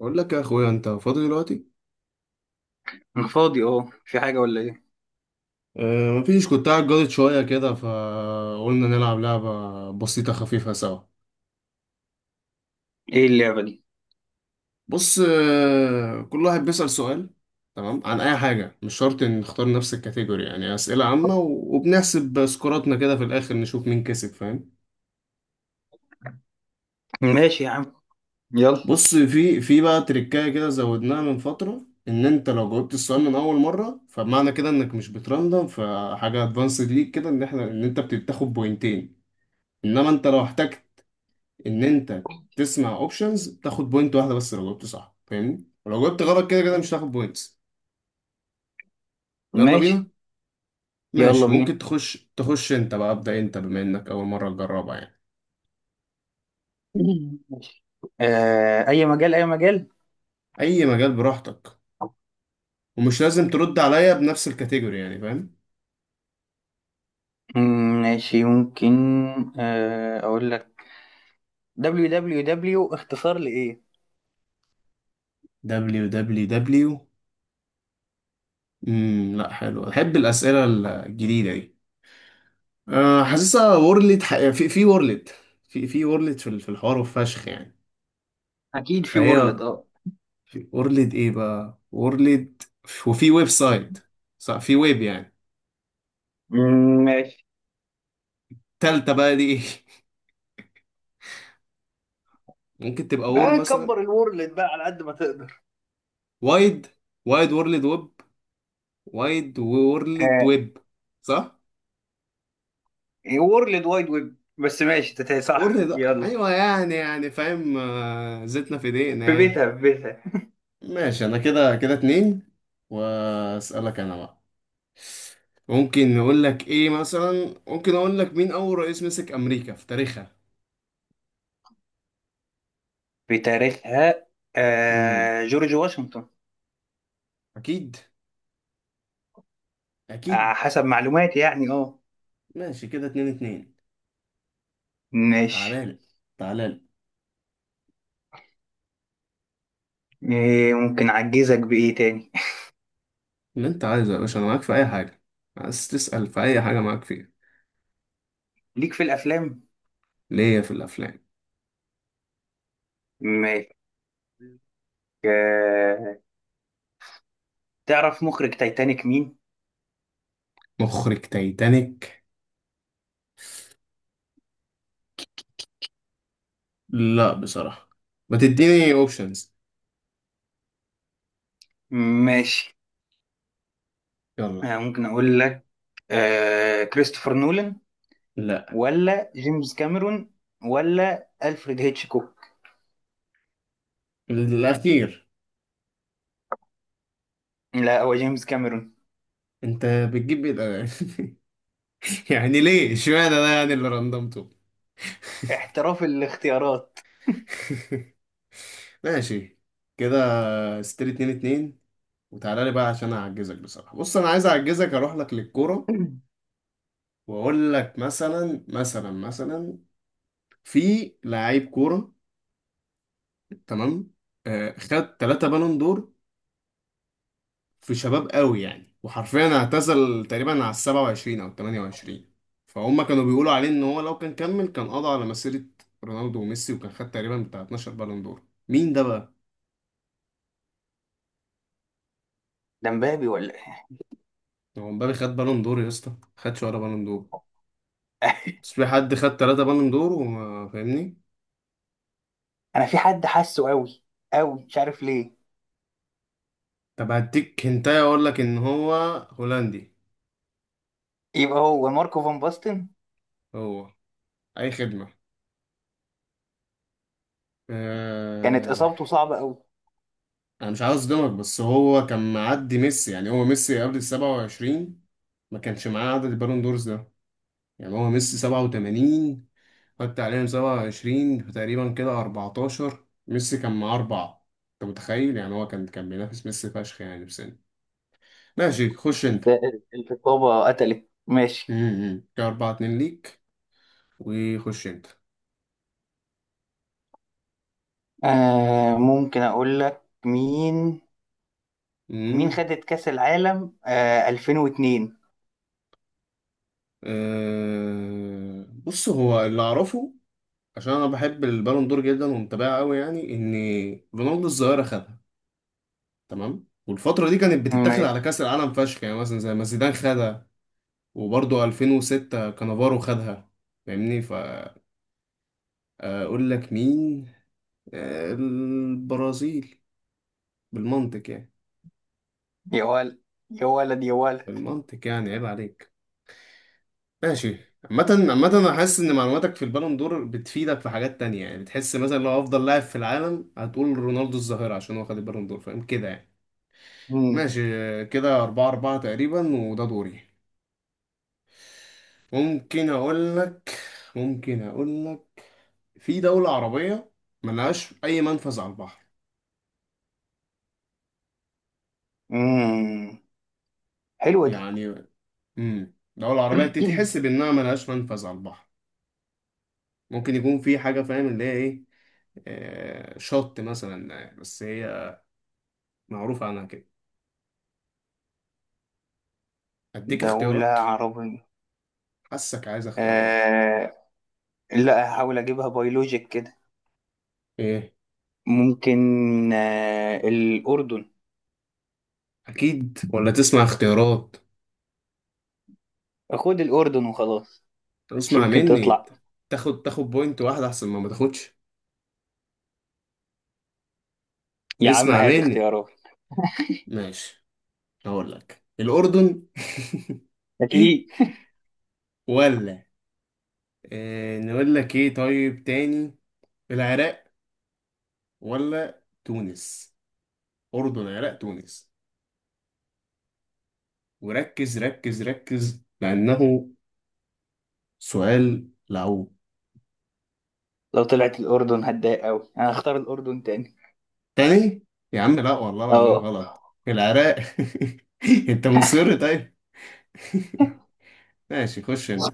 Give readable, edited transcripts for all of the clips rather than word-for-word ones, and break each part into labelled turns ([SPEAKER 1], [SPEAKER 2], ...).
[SPEAKER 1] اقول لك يا اخويا انت فاضي دلوقتي.
[SPEAKER 2] انا فاضي اهو في حاجة ولا ايه؟
[SPEAKER 1] أه، مفيش، كنت قاعد جاضد شويه كده فقلنا نلعب لعبه بسيطه خفيفه سوا.
[SPEAKER 2] ايه اللعبة دي؟
[SPEAKER 1] بص، كل واحد بيسأل سؤال. تمام، عن اي حاجه مش شرط ان نختار نفس الكاتيجوري، يعني اسئله عامه وبنحسب سكوراتنا كده في الاخر نشوف مين كسب، فاهم؟
[SPEAKER 2] ماشي يا عم. يلا.
[SPEAKER 1] بص، في بقى تريكايه كده زودناها من فتره، ان انت لو جاوبت السؤال من اول مره فمعنى كده انك مش بتراندم، فحاجه ادفانسد ليك كده، ان انت بتاخد بوينتين. انما انت لو احتجت ان انت تسمع اوبشنز تاخد بوينت واحده، بس لو جاوبت صح، فاهمني، ولو جاوبت غلط كده كده مش هتاخد بوينتس. يلا بينا.
[SPEAKER 2] ماشي. يلا
[SPEAKER 1] ماشي، ممكن
[SPEAKER 2] بينا.
[SPEAKER 1] تخش انت بقى، ابدا انت بما انك اول مره تجربها يعني.
[SPEAKER 2] ماشي. اي مجال اي مجال.
[SPEAKER 1] اي مجال براحتك، ومش لازم ترد عليا بنفس الكاتيجوري، يعني فاهم.
[SPEAKER 2] ماشي، ممكن. اقول لك، www اختصار لايه؟
[SPEAKER 1] دبليو دبليو دبليو. لا، حلو، احب الاسئله الجديده دي. أه، حاسسها وورلد، في وورلد. في وورلد في في الحوار، وفشخ يعني.
[SPEAKER 2] اكيد في
[SPEAKER 1] فهي
[SPEAKER 2] وورلد اه.
[SPEAKER 1] في اورليد، ايه بقى اورليد، وفي ويب سايت. صح، في ويب يعني.
[SPEAKER 2] ماشي.
[SPEAKER 1] تالتة بقى دي ايه؟ ممكن تبقى وور مثلا.
[SPEAKER 2] كبر الوورلد بقى على قد ما تقدر.
[SPEAKER 1] وايد وايد وورلد ويب. وايد وورلد
[SPEAKER 2] آه
[SPEAKER 1] ويب. صح.
[SPEAKER 2] وورلد وايد ويب، بس ماشي تتهي صح؟
[SPEAKER 1] وورلد،
[SPEAKER 2] يلا.
[SPEAKER 1] ايوه، يعني فاهم، آه، زيتنا في ايدينا
[SPEAKER 2] في
[SPEAKER 1] يعني.
[SPEAKER 2] بيتها في بيتها.
[SPEAKER 1] ماشي، انا كده كده اتنين. واسألك انا بقى. ممكن نقول لك ايه مثلا ممكن اقول لك مين اول رئيس مسك امريكا في تاريخها؟
[SPEAKER 2] في تاريخها.
[SPEAKER 1] امم
[SPEAKER 2] جورج واشنطن.
[SPEAKER 1] اكيد، اكيد.
[SPEAKER 2] حسب معلوماتي يعني، اه.
[SPEAKER 1] ماشي، كده اتنين اتنين.
[SPEAKER 2] ماشي.
[SPEAKER 1] تعالالي، تعالالي.
[SPEAKER 2] إيه، ممكن اعجزك بايه تاني؟
[SPEAKER 1] اللي انت عايزه يا باشا، انا معاك في اي حاجه، عايز تسال في اي حاجه معاك فيها.
[SPEAKER 2] ليك في الافلام.
[SPEAKER 1] ليا في الافلام.
[SPEAKER 2] ماشي. آه، تعرف مخرج تايتانيك مين؟
[SPEAKER 1] مخرج تايتانيك؟ لا بصراحه، ما تديني اوبشنز.
[SPEAKER 2] ماشي.
[SPEAKER 1] يلا.
[SPEAKER 2] ممكن اقول لك. كريستوفر نولان،
[SPEAKER 1] لا.
[SPEAKER 2] ولا جيمس كاميرون، ولا الفريد هيتشكوك.
[SPEAKER 1] الاخير.
[SPEAKER 2] لا، هو جيمس كاميرون.
[SPEAKER 1] انت بتجيب ايه الأغاني؟ يعني ليه اشمعنى ده يعني اللي رندمته؟
[SPEAKER 2] احتراف الاختيارات.
[SPEAKER 1] ماشي. كده ستري اتنين اتنين. وتعالى لي بقى عشان اعجزك بصراحه. بص، انا عايز اعجزك اروح لك للكوره واقول لك، مثلا في لعيب كوره، تمام، آه، خد ثلاثة بالون دور. في شباب قوي يعني، وحرفيا اعتزل تقريبا على السبعة وعشرين أو التمانية وعشرين. فهم كانوا بيقولوا عليه إن هو لو كان كمل كان قضى على مسيرة رونالدو وميسي، وكان خد تقريبا بتاع 12 بالون دور. مين ده بقى؟
[SPEAKER 2] ده مبابي ولا إيه؟
[SPEAKER 1] هو مبابي خد بالون دور يا اسطى؟ خدش ولا بالون دور. بس في حد خد ثلاثة بالون دور، وما فاهمني.
[SPEAKER 2] انا في حد حاسه قوي قوي، مش عارف ليه.
[SPEAKER 1] طب هديك هنتايه، أقول لك إن هو هولندي.
[SPEAKER 2] يبقى هو ماركو فان باستن.
[SPEAKER 1] هو أي خدمة.
[SPEAKER 2] كانت
[SPEAKER 1] آه،
[SPEAKER 2] اصابته صعبه قوي.
[SPEAKER 1] انا مش عاوز اصدمك، بس هو كان معدي ميسي، يعني هو ميسي قبل ال 27 ما كانش معاه عدد البالون دورز ده. يعني هو ميسي 87، حط عليهم 27 فتقريبا كده 14، ميسي كان معاه أربعة. أنت متخيل يعني؟ هو كان بينافس ميسي فشخ يعني بسنة. ماشي، خش أنت.
[SPEAKER 2] ده الرقابة قتلت، ماشي.
[SPEAKER 1] كده 4 2 ليك، وخش أنت.
[SPEAKER 2] ممكن أقول لك مين. مين
[SPEAKER 1] امم
[SPEAKER 2] خدت كأس العالم 2002؟
[SPEAKER 1] بص، هو اللي أعرفه، عشان أنا بحب البالون دور جدا ومتابعه قوي يعني، إن رونالدو الظاهرة خدها، تمام، والفترة دي كانت بتتاخد على
[SPEAKER 2] ماشي.
[SPEAKER 1] كأس العالم فشخ يعني، مثلا زي ما زيدان خدها، وبرضه 2006 كانافارو خدها، فاهمني؟ فأقول لك مين؟ آه، البرازيل، بالمنطق يعني.
[SPEAKER 2] يا ولد، يا ولد، يا ولد.
[SPEAKER 1] بالمنطق يعني، عيب عليك. ماشي. عامة أنا حاسس إن معلوماتك في البالون دور بتفيدك في حاجات تانية، يعني بتحس مثلا لو أفضل لاعب في العالم هتقول رونالدو الظاهرة عشان هو خد البالون دور، فاهم كده يعني.
[SPEAKER 2] مم.
[SPEAKER 1] ماشي آه، كده أربعة أربعة تقريبا، وده دوري. ممكن اقول لك ممكن اقول لك، في دولة عربية ملهاش اي منفذ على البحر
[SPEAKER 2] مم. حلوة دي.
[SPEAKER 1] يعني. دولة عربية تتحسب انها ملهاش منفذ على البحر. ممكن يكون في حاجة، فاهم اللي هي ايه، آه، شط مثلا، آه، بس هي معروفة عنها كده. اديك
[SPEAKER 2] دولة
[SPEAKER 1] اختيارات؟
[SPEAKER 2] عربية.
[SPEAKER 1] حاسك عايز اختيارات.
[SPEAKER 2] آه لا، هحاول أجيبها بيولوجيك كده.
[SPEAKER 1] ايه؟
[SPEAKER 2] ممكن. الأردن.
[SPEAKER 1] اكيد ولا تسمع اختيارات؟
[SPEAKER 2] خد الأردن وخلاص. مش
[SPEAKER 1] اسمع
[SPEAKER 2] يمكن
[SPEAKER 1] مني،
[SPEAKER 2] تطلع؟
[SPEAKER 1] تاخد بوينت واحدة احسن ما تاخدش.
[SPEAKER 2] يا عم
[SPEAKER 1] اسمع
[SPEAKER 2] هات
[SPEAKER 1] مني.
[SPEAKER 2] اختيارات.
[SPEAKER 1] ماشي، هقول لك الأردن.
[SPEAKER 2] أكيد
[SPEAKER 1] ولا، آه، نقول لك ايه طيب تاني، العراق، ولا تونس. أردن، عراق، تونس. وركز، ركز، ركز، لأنه سؤال لعوب.
[SPEAKER 2] لو طلعت الأردن هتضايق أوي، أنا هختار الأردن تاني.
[SPEAKER 1] تاني. يا عم لا، والله العظيم
[SPEAKER 2] أه.
[SPEAKER 1] غلط. العراق. انت مصر طيب. ماشي، خش انت.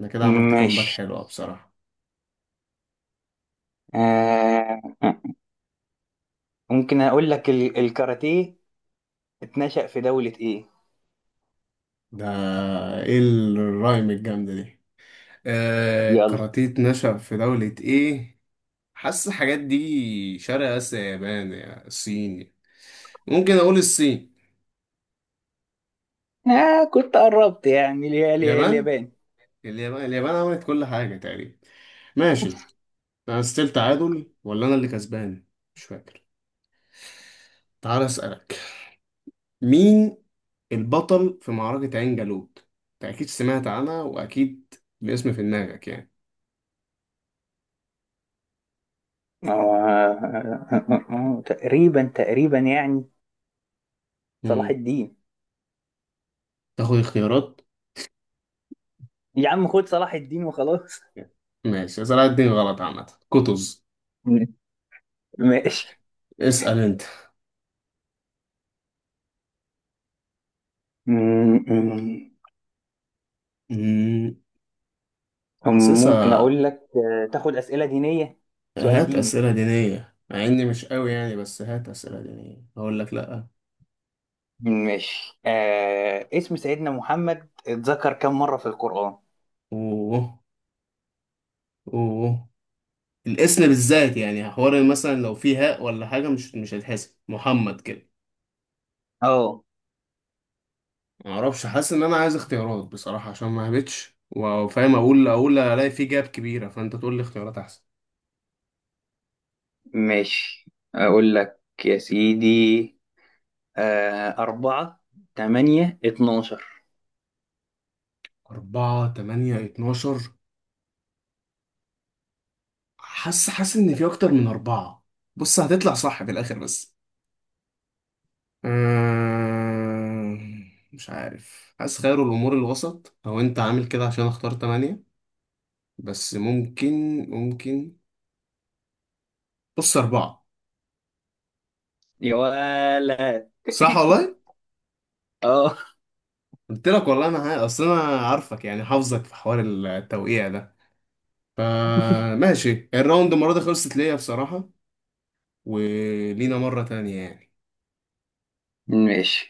[SPEAKER 1] انا كده عملت كامباك
[SPEAKER 2] ماشي.
[SPEAKER 1] حلوة بصراحة.
[SPEAKER 2] آه. ممكن أقول لك، ال- الكاراتيه اتنشأ في دولة إيه؟
[SPEAKER 1] ده ايه الرايم الجامدة دي؟ آه،
[SPEAKER 2] يلا.
[SPEAKER 1] كاراتيه نشأ في دولة ايه. حاسس الحاجات دي شرق اسيا، يابان يا الصين. ممكن اقول الصين.
[SPEAKER 2] كنت قربت يعني، اللي هي
[SPEAKER 1] يابان.
[SPEAKER 2] اليابان.
[SPEAKER 1] اليابان عملت كل حاجة تقريبا. ماشي. انا ستيل تعادل ولا انا اللي كسبان؟ مش فاكر. تعال اسألك، مين البطل في معركة عين جالوت؟ انت اكيد سمعت عنها، واكيد الاسم في دماغك يعني.
[SPEAKER 2] آه. تقريبا تقريبا يعني صلاح
[SPEAKER 1] مم.
[SPEAKER 2] الدين.
[SPEAKER 1] تاخد اختيارات؟
[SPEAKER 2] يا عم خد صلاح الدين وخلاص.
[SPEAKER 1] ماشي، صلاح الدين غلط عامة. كتز.
[SPEAKER 2] م- ماشي.
[SPEAKER 1] اسأل انت.
[SPEAKER 2] م- م-
[SPEAKER 1] مم.
[SPEAKER 2] ممكن
[SPEAKER 1] حاسسها.
[SPEAKER 2] أقول لك، تاخد أسئلة دينية؟ سؤال
[SPEAKER 1] هات
[SPEAKER 2] ديني.
[SPEAKER 1] أسئلة دينية، مع إني مش قوي يعني، بس هات أسئلة دينية هقول لك لأ.
[SPEAKER 2] ماشي، اسم سيدنا محمد اتذكر كم مرة في القرآن؟
[SPEAKER 1] أوه. أوه. الاسم بالذات يعني، حوار مثلا لو فيه هاء ولا حاجة مش هيتحسب محمد كده.
[SPEAKER 2] اه
[SPEAKER 1] معرفش، حاسس إن أنا عايز اختيارات بصراحة، عشان ما هبتش وفاهم أقول ألاقي فيه جاب كبيرة، فأنت تقول لي اختيارات أحسن.
[SPEAKER 2] ماشي. اقول لك يا سيدي، أربعة، تمانية، 12.
[SPEAKER 1] أربعة، تمانية، اتناشر. حاسس إن في أكتر من أربعة. بص هتطلع صح في الآخر بس. مش عارف، حاسس خير الأمور الوسط، أو أنت عامل كده عشان أختار تمانية. بس ممكن، بص، أربعة.
[SPEAKER 2] يا ولد.
[SPEAKER 1] صح والله.
[SPEAKER 2] اه.
[SPEAKER 1] قلت لك والله، أنا أصل أنا عارفك يعني، حافظك في حوار التوقيع ده. فماشي، الراوند المرة دي خلصت ليا بصراحة. ولينا مرة تانية يعني.
[SPEAKER 2] ماشي.